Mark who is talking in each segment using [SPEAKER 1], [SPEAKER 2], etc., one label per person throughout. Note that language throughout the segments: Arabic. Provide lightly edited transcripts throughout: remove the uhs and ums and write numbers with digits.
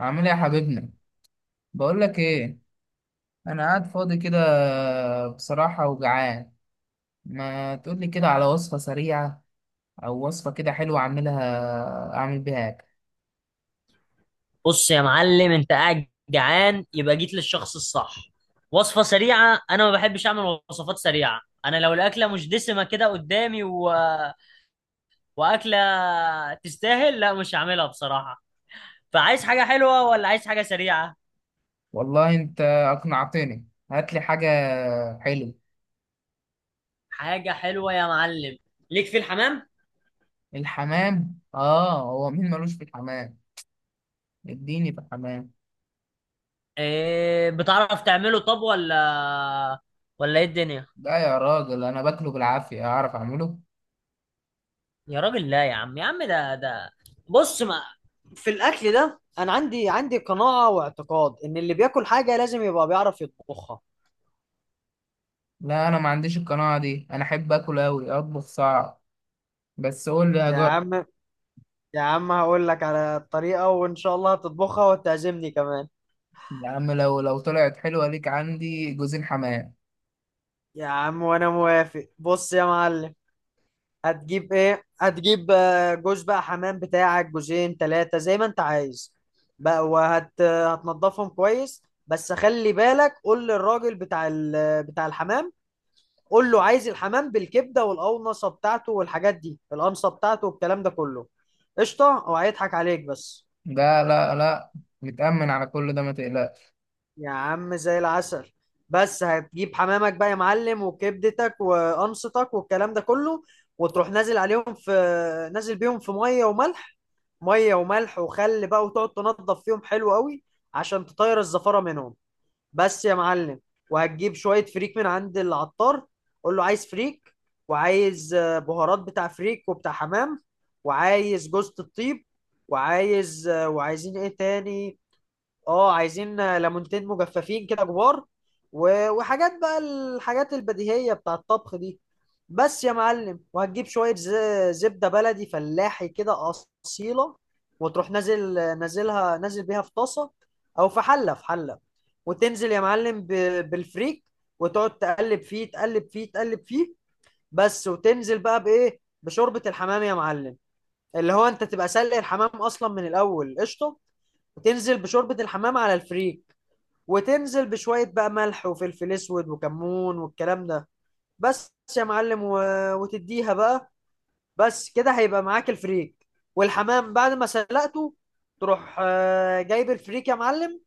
[SPEAKER 1] عامل ايه يا حبيبنا؟ بقول لك ايه، انا قاعد فاضي كده، بصراحة وجعان. ما تقول لي كده على وصفة سريعة او وصفة كده حلوة اعملها، اعمل بيها اكل.
[SPEAKER 2] بص يا معلم، انت قاعد جعان، يبقى جيت للشخص الصح. وصفة سريعة، انا ما بحبش اعمل وصفات سريعة. انا لو الاكلة مش دسمة كده قدامي واكلة تستاهل، لا مش هعملها بصراحة. فعايز حاجة حلوة ولا عايز حاجة سريعة؟
[SPEAKER 1] والله انت اقنعتني، هات لي حاجة حلوة.
[SPEAKER 2] حاجة حلوة يا معلم. ليك في الحمام.
[SPEAKER 1] الحمام، اه هو مين ملوش في الحمام؟ اديني في الحمام.
[SPEAKER 2] إيه، بتعرف تعمله طب ولا ايه الدنيا؟
[SPEAKER 1] لا يا راجل انا باكله بالعافية، اعرف اعمله.
[SPEAKER 2] يا راجل، لا يا عم، يا عم ده بص، ما في الاكل ده انا عندي قناعه واعتقاد ان اللي بياكل حاجه لازم يبقى بيعرف يطبخها.
[SPEAKER 1] لا انا ما عنديش القناعة دي، انا احب اكل اوي، اطبخ صعب، بس قول لي.
[SPEAKER 2] يا عم، يا عم هقول لك على الطريقة، وإن شاء الله هتطبخها وتعزمني كمان.
[SPEAKER 1] يا عم لو طلعت حلوة ليك عندي جوزين حمام.
[SPEAKER 2] يا عم وأنا موافق. بص يا معلم، هتجيب إيه؟ هتجيب جوز بقى حمام بتاعك، جوزين تلاتة زي ما أنت عايز. بقى وهت آه، هتنضفهم كويس. بس خلي بالك، قول للراجل بتاع الحمام. قول له عايز الحمام بالكبده والقونصه بتاعته والحاجات دي، القمصه بتاعته والكلام ده كله. قشطه، هو هيضحك عليك بس.
[SPEAKER 1] لا لا لا، متأمن على كل ده ما تقلقش.
[SPEAKER 2] يا عم زي العسل. بس هتجيب حمامك بقى يا معلم، وكبدتك وقمصتك والكلام ده كله. وتروح نازل بيهم في ميه وملح. ميه وملح وخل بقى، وتقعد تنضف فيهم حلو قوي، عشان تطير الزفاره منهم. بس يا معلم، وهتجيب شوية فريك من عند العطار. قول له عايز فريك، وعايز بهارات بتاع فريك وبتاع حمام. وعايز جوزة الطيب، وعايزين ايه تاني. اه، عايزين ليمونتين مجففين كده كبار. وحاجات بقى الحاجات البديهية بتاع الطبخ دي. بس يا معلم، وهتجيب شوية زبدة بلدي فلاحي كده، أصيلة. وتروح نازل بيها في طاسة، أو في حلة. وتنزل يا معلم بالفريك. وتقعد تقلب فيه، تقلب فيه، تقلب فيه. بس. وتنزل بقى بإيه؟ بشوربة الحمام يا معلم، اللي هو أنت تبقى سلق الحمام أصلا من الأول، قشطة. وتنزل بشوربة الحمام على الفريك. وتنزل بشوية بقى ملح وفلفل أسود وكمون والكلام ده. بس يا معلم، وتديها بقى. بس كده هيبقى معاك الفريك والحمام بعد ما سلقته. تروح جايب الفريك يا معلم،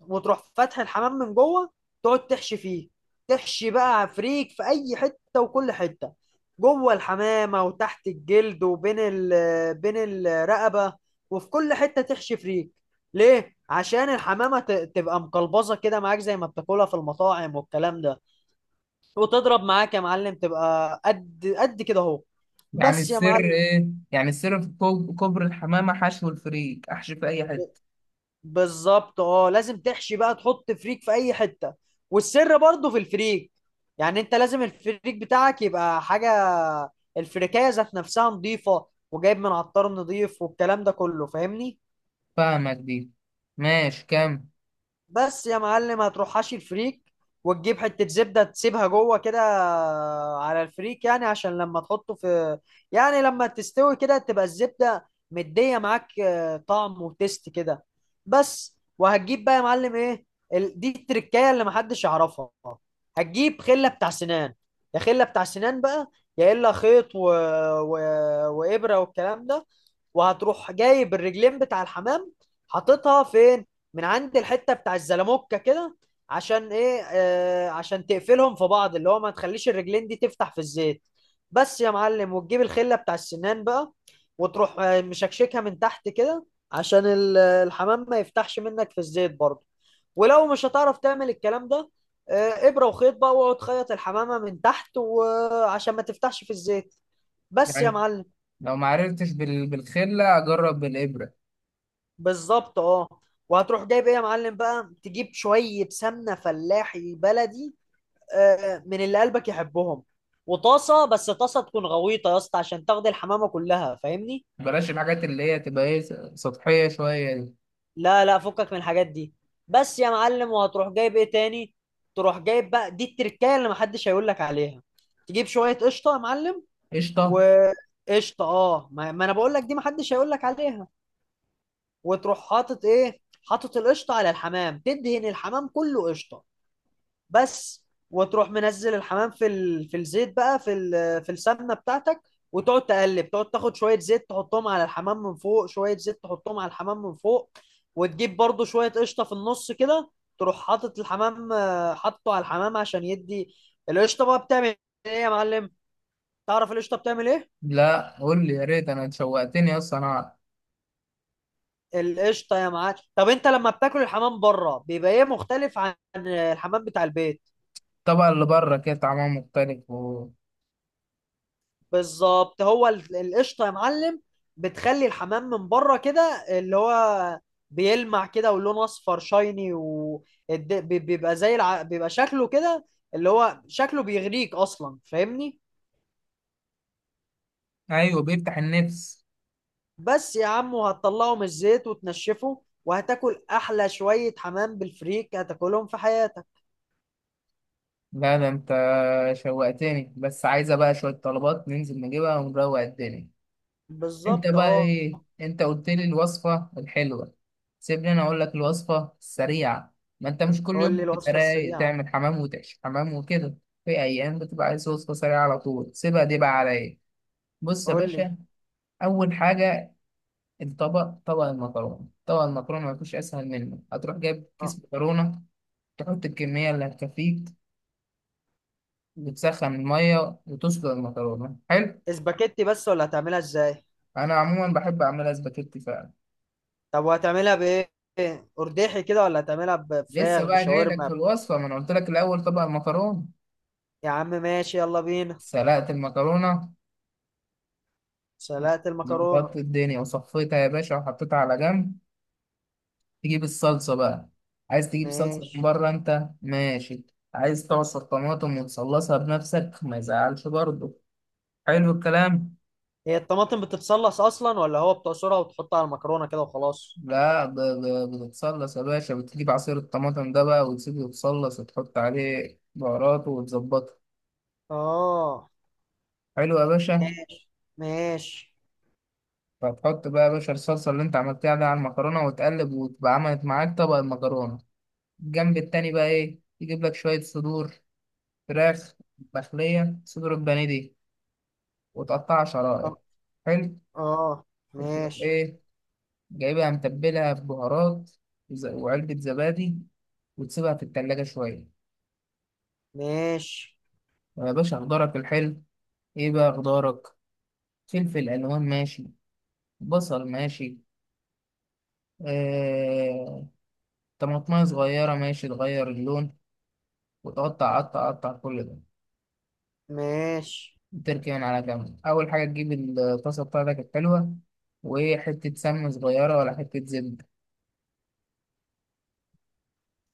[SPEAKER 2] وتروح فاتح الحمام من جوه، تقعد تحشي فيه. تحشي بقى فريك في اي حته وكل حته، جوه الحمامه وتحت الجلد، وبين ال بين الرقبه. وفي كل حته تحشي فريك. ليه؟ عشان الحمامه تبقى مقلبظه كده معاك، زي ما بتاكلها في المطاعم والكلام ده. وتضرب معاك يا معلم، تبقى قد قد كده اهو.
[SPEAKER 1] يعني
[SPEAKER 2] بس يا
[SPEAKER 1] السر
[SPEAKER 2] معلم.
[SPEAKER 1] ايه؟ يعني السر في كوبري الحمامة، حشو الفريك، احشي في اي حتة.
[SPEAKER 2] بالظبط اه، لازم تحشي بقى، تحط فريك في اي حته. والسر برضه في الفريك. يعني انت لازم الفريك بتاعك يبقى حاجه، الفريكايه ذات نفسها نظيفه، وجايب من عطار نظيف والكلام ده كله. فاهمني؟
[SPEAKER 1] فاهمك دي، ماشي كم.
[SPEAKER 2] بس يا معلم، هتروح حاشي الفريك، وتجيب حتة زبدة تسيبها جوه كده على الفريك. يعني عشان لما تحطه في يعني لما تستوي كده تبقى الزبدة مدية معاك طعم وتست كده. بس. وهتجيب بقى يا معلم ايه؟ دي التركاية اللي محدش يعرفها. هتجيب خلة بتاع سنان، يا خلة بتاع سنان بقى، يا إلا خيط و... وإبرة والكلام ده. وهتروح جايب الرجلين بتاع الحمام، حاططها فين؟ من عند الحته بتاع الزلموكه كده. عشان ايه؟ عشان تقفلهم في بعض، اللي هو ما تخليش الرجلين دي تفتح في الزيت. بس يا معلم، وتجيب الخله بتاع السنان بقى، وتروح مشكشكها من تحت كده، عشان الحمام ما يفتحش منك في الزيت برضه. ولو مش هتعرف تعمل الكلام ده، ابره وخيط بقى، واقعد خيط الحمامه من تحت وعشان ما تفتحش في الزيت. بس يا
[SPEAKER 1] يعني
[SPEAKER 2] معلم.
[SPEAKER 1] لو ما عرفتش بالخلة اجرب بالإبرة.
[SPEAKER 2] بالظبط اه. وهتروح جايب ايه يا معلم بقى؟ تجيب شويه سمنه فلاحي بلدي، من اللي قلبك يحبهم. وطاسه، بس طاسه تكون غويطه يا اسطى، عشان تاخد الحمامه كلها. فاهمني؟
[SPEAKER 1] بلاش الحاجات اللي هي تبقى ايه، سطحية شوية دي.
[SPEAKER 2] لا، لا، فكك من الحاجات دي. بس يا معلم، وهتروح جايب ايه تاني؟ تروح جايب بقى، دي التركايه اللي محدش هيقول لك عليها. تجيب شويه قشطه يا معلم.
[SPEAKER 1] قشطة.
[SPEAKER 2] وقشطه اه، ما ما انا بقول لك دي محدش هيقول لك عليها. وتروح حاطط ايه؟ حاطط القشطه على الحمام، تدهن الحمام كله قشطه. بس. وتروح منزل الحمام في الزيت بقى، في السمنه بتاعتك. وتقعد تقلب، تقعد تاخد شويه زيت تحطهم على الحمام من فوق، شويه زيت تحطهم على الحمام من فوق. وتجيب برضو شويه قشطه في النص كده. تروح حاطط الحمام آه، حاطه على الحمام عشان يدي القشطه بقى. بتعمل ايه يا معلم؟ تعرف القشطه بتعمل ايه؟
[SPEAKER 1] لا قول لي يا ريت، انا شوقتني اصلا انا.
[SPEAKER 2] القشطه يا معلم، طب انت لما بتاكل الحمام بره بيبقى ايه مختلف عن الحمام بتاع البيت؟
[SPEAKER 1] الطبقة اللي بره كده طعمها مختلف
[SPEAKER 2] بالظبط، هو القشطه يا معلم بتخلي الحمام من بره كده، اللي هو بيلمع كده، ولونه اصفر شايني، وبيبقى بيبقى شكله كده، اللي هو شكله بيغريك اصلا. فاهمني؟
[SPEAKER 1] ايوه بيفتح النفس.
[SPEAKER 2] بس يا عم، وهتطلعه من الزيت وتنشفه، وهتاكل احلى شويه حمام بالفريك هتاكلهم في حياتك.
[SPEAKER 1] لا ده انت شوقتني، بس عايزة بقى شوية طلبات ننزل نجيبها ونروق الدنيا. انت
[SPEAKER 2] بالظبط
[SPEAKER 1] بقى
[SPEAKER 2] اه.
[SPEAKER 1] ايه؟ انت قلت لي الوصفة الحلوة، سيبني انا اقول لك الوصفة السريعة. ما انت مش كل
[SPEAKER 2] قول
[SPEAKER 1] يوم
[SPEAKER 2] لي
[SPEAKER 1] بتبقى
[SPEAKER 2] الوصفه
[SPEAKER 1] رايق
[SPEAKER 2] السريعه.
[SPEAKER 1] تعمل حمام وتعيش حمام وكده. في ايام بتبقى عايز وصفة سريعة على طول، سيبها دي بقى عليا. بص يا
[SPEAKER 2] قول لي.
[SPEAKER 1] باشا، اول حاجة الطبق، طبق المكرونة، طبق المكرونة ما فيش اسهل منه. هتروح جايب
[SPEAKER 2] اه،
[SPEAKER 1] كيس مكرونة، تحط الكمية اللي هتكفيك، وتسخن المية وتسلق المكرونة، حلو.
[SPEAKER 2] اسباجيتي بس ولا هتعملها ازاي؟
[SPEAKER 1] انا عموما بحب اعملها سباكيتي فعلا.
[SPEAKER 2] طب وهتعملها بايه؟ ارداحي كده ولا هتعملها
[SPEAKER 1] لسه
[SPEAKER 2] بفراخ
[SPEAKER 1] بقى جاي لك
[SPEAKER 2] بشاورما؟
[SPEAKER 1] في الوصفه، ما انا قلت لك الاول طبق المكرونه.
[SPEAKER 2] يا عم ماشي، يلا بينا.
[SPEAKER 1] سلقت المكرونه،
[SPEAKER 2] سلقت المكرونه.
[SPEAKER 1] ظبطت الدنيا وصفيتها يا باشا وحطيتها على جنب. تجيب الصلصه بقى، عايز تجيب صلصه من
[SPEAKER 2] ماشي.
[SPEAKER 1] بره انت؟ ماشي. عايز تعصر طماطم وتصلصها بنفسك ما يزعلش برضه، حلو الكلام.
[SPEAKER 2] هي الطماطم بتتصلص اصلا، ولا هو بتعصرها وتحطها على المكرونه كده وخلاص؟
[SPEAKER 1] لا بتتصلص يا باشا، بتجيب عصير الطماطم ده بقى وتسيبه يتصلص وتحط عليه بهاراته وتظبطه،
[SPEAKER 2] اه.
[SPEAKER 1] حلو يا باشا.
[SPEAKER 2] ماشي. ماشي.
[SPEAKER 1] فتحط بقى يا باشا الصلصة اللي انت عملتها دي على المكرونة وتقلب، وتبقى عملت معاك طبق المكرونة. الجنب التاني بقى ايه؟ يجيب لك شوية صدور فراخ، مخلية صدور البانيه دي، وتقطعها شرائح،
[SPEAKER 2] اه.
[SPEAKER 1] حلو.
[SPEAKER 2] آه.
[SPEAKER 1] تروح
[SPEAKER 2] ماشي.
[SPEAKER 1] ايه، جايبها متبلها ببهارات وعلبة زبادي، وتسيبها في التلاجة شوية.
[SPEAKER 2] ماشي.
[SPEAKER 1] يا باشا خضارك الحلو، ايه بقى خضارك؟ فلفل ألوان ماشي، بصل ماشي، آه... طماطماية صغيرة ماشي تغير اللون، وتقعد تقطع قطع كل ده.
[SPEAKER 2] ماشي.
[SPEAKER 1] تركي من على جنب، أول حاجة تجيب الطاسة بتاعتك الحلوة وحتة سمنة صغيرة ولا حتة زبدة،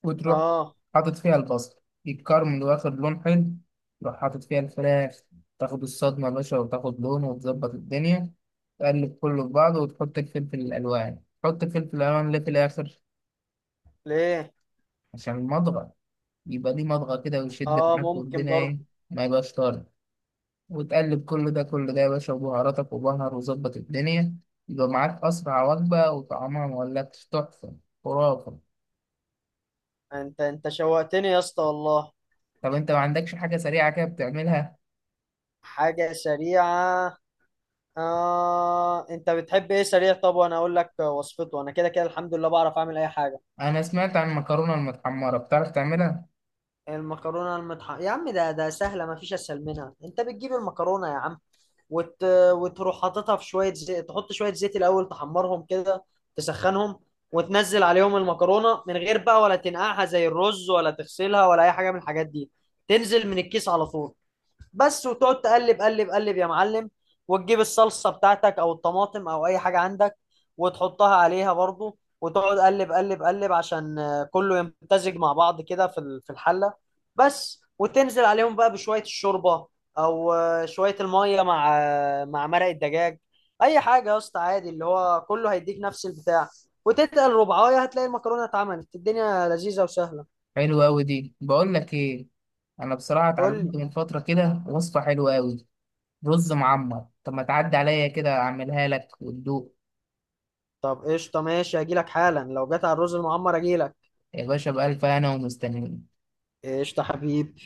[SPEAKER 1] وتروح
[SPEAKER 2] اه.
[SPEAKER 1] حاطط فيها البصل يتكرمل واخد لون حلو، تروح حاطط فيها الفراخ، تاخد الصدمة يا باشا وتاخد لون وتظبط الدنيا. تقلب كله في بعضه وتحط الفلفل الألوان. ليه في الآخر؟
[SPEAKER 2] ليه؟
[SPEAKER 1] عشان المضغة، يبقى ليه مضغة كده ويشد
[SPEAKER 2] اه،
[SPEAKER 1] معاك
[SPEAKER 2] ممكن
[SPEAKER 1] والدنيا
[SPEAKER 2] برضه.
[SPEAKER 1] إيه، ما يبقاش طارد. وتقلب كل ده يا باشا وبهاراتك وبهر وظبط الدنيا، يبقى معاك أسرع وجبة وطعمها مولكش تحفة، خرافة.
[SPEAKER 2] انت شوقتني يا اسطى والله.
[SPEAKER 1] طب أنت ما عندكش حاجة سريعة كده بتعملها؟
[SPEAKER 2] حاجه سريعه؟ آه، انت بتحب ايه سريع؟ طب وانا اقول لك وصفته، انا كده كده الحمد لله بعرف اعمل اي حاجه.
[SPEAKER 1] أنا سمعت عن المكرونة المتحمرة، بتعرف تعملها؟
[SPEAKER 2] المكرونه المطحنه يا عم، ده سهله ما فيش اسهل منها. انت بتجيب المكرونه يا عم وت... وتروح حاططها في شويه زيت، تحط شويه زيت الاول تحمرهم كده، تسخنهم. وتنزل عليهم المكرونه من غير بقى، ولا تنقعها زي الرز ولا تغسلها ولا اي حاجه من الحاجات دي، تنزل من الكيس على طول. بس. وتقعد تقلب قلب قلب يا معلم. وتجيب الصلصة بتاعتك او الطماطم او اي حاجة عندك، وتحطها عليها برضو وتقعد قلب قلب قلب، عشان كله يمتزج مع بعض كده في الحلة. بس. وتنزل عليهم بقى بشوية الشوربة، او شوية المية مع مرق الدجاج. اي حاجة يا اسطى عادي، اللي هو كله هيديك نفس البتاع. وتتقل ربعاية هتلاقي المكرونة اتعملت، الدنيا لذيذة وسهلة.
[SPEAKER 1] حلوة أوي دي، بقول لك إيه، أنا بصراحة
[SPEAKER 2] قول لي.
[SPEAKER 1] اتعلمت من فترة كده وصفة حلوة أوي، رز معمر. طب ما تعدي عليا كده أعملها لك وتدوق.
[SPEAKER 2] طب قشطة ماشي، هجيلك حالا. لو جت على الرز المعمر اجيلك.
[SPEAKER 1] يا باشا بألف هنا ومستنيين.
[SPEAKER 2] قشطة حبيب.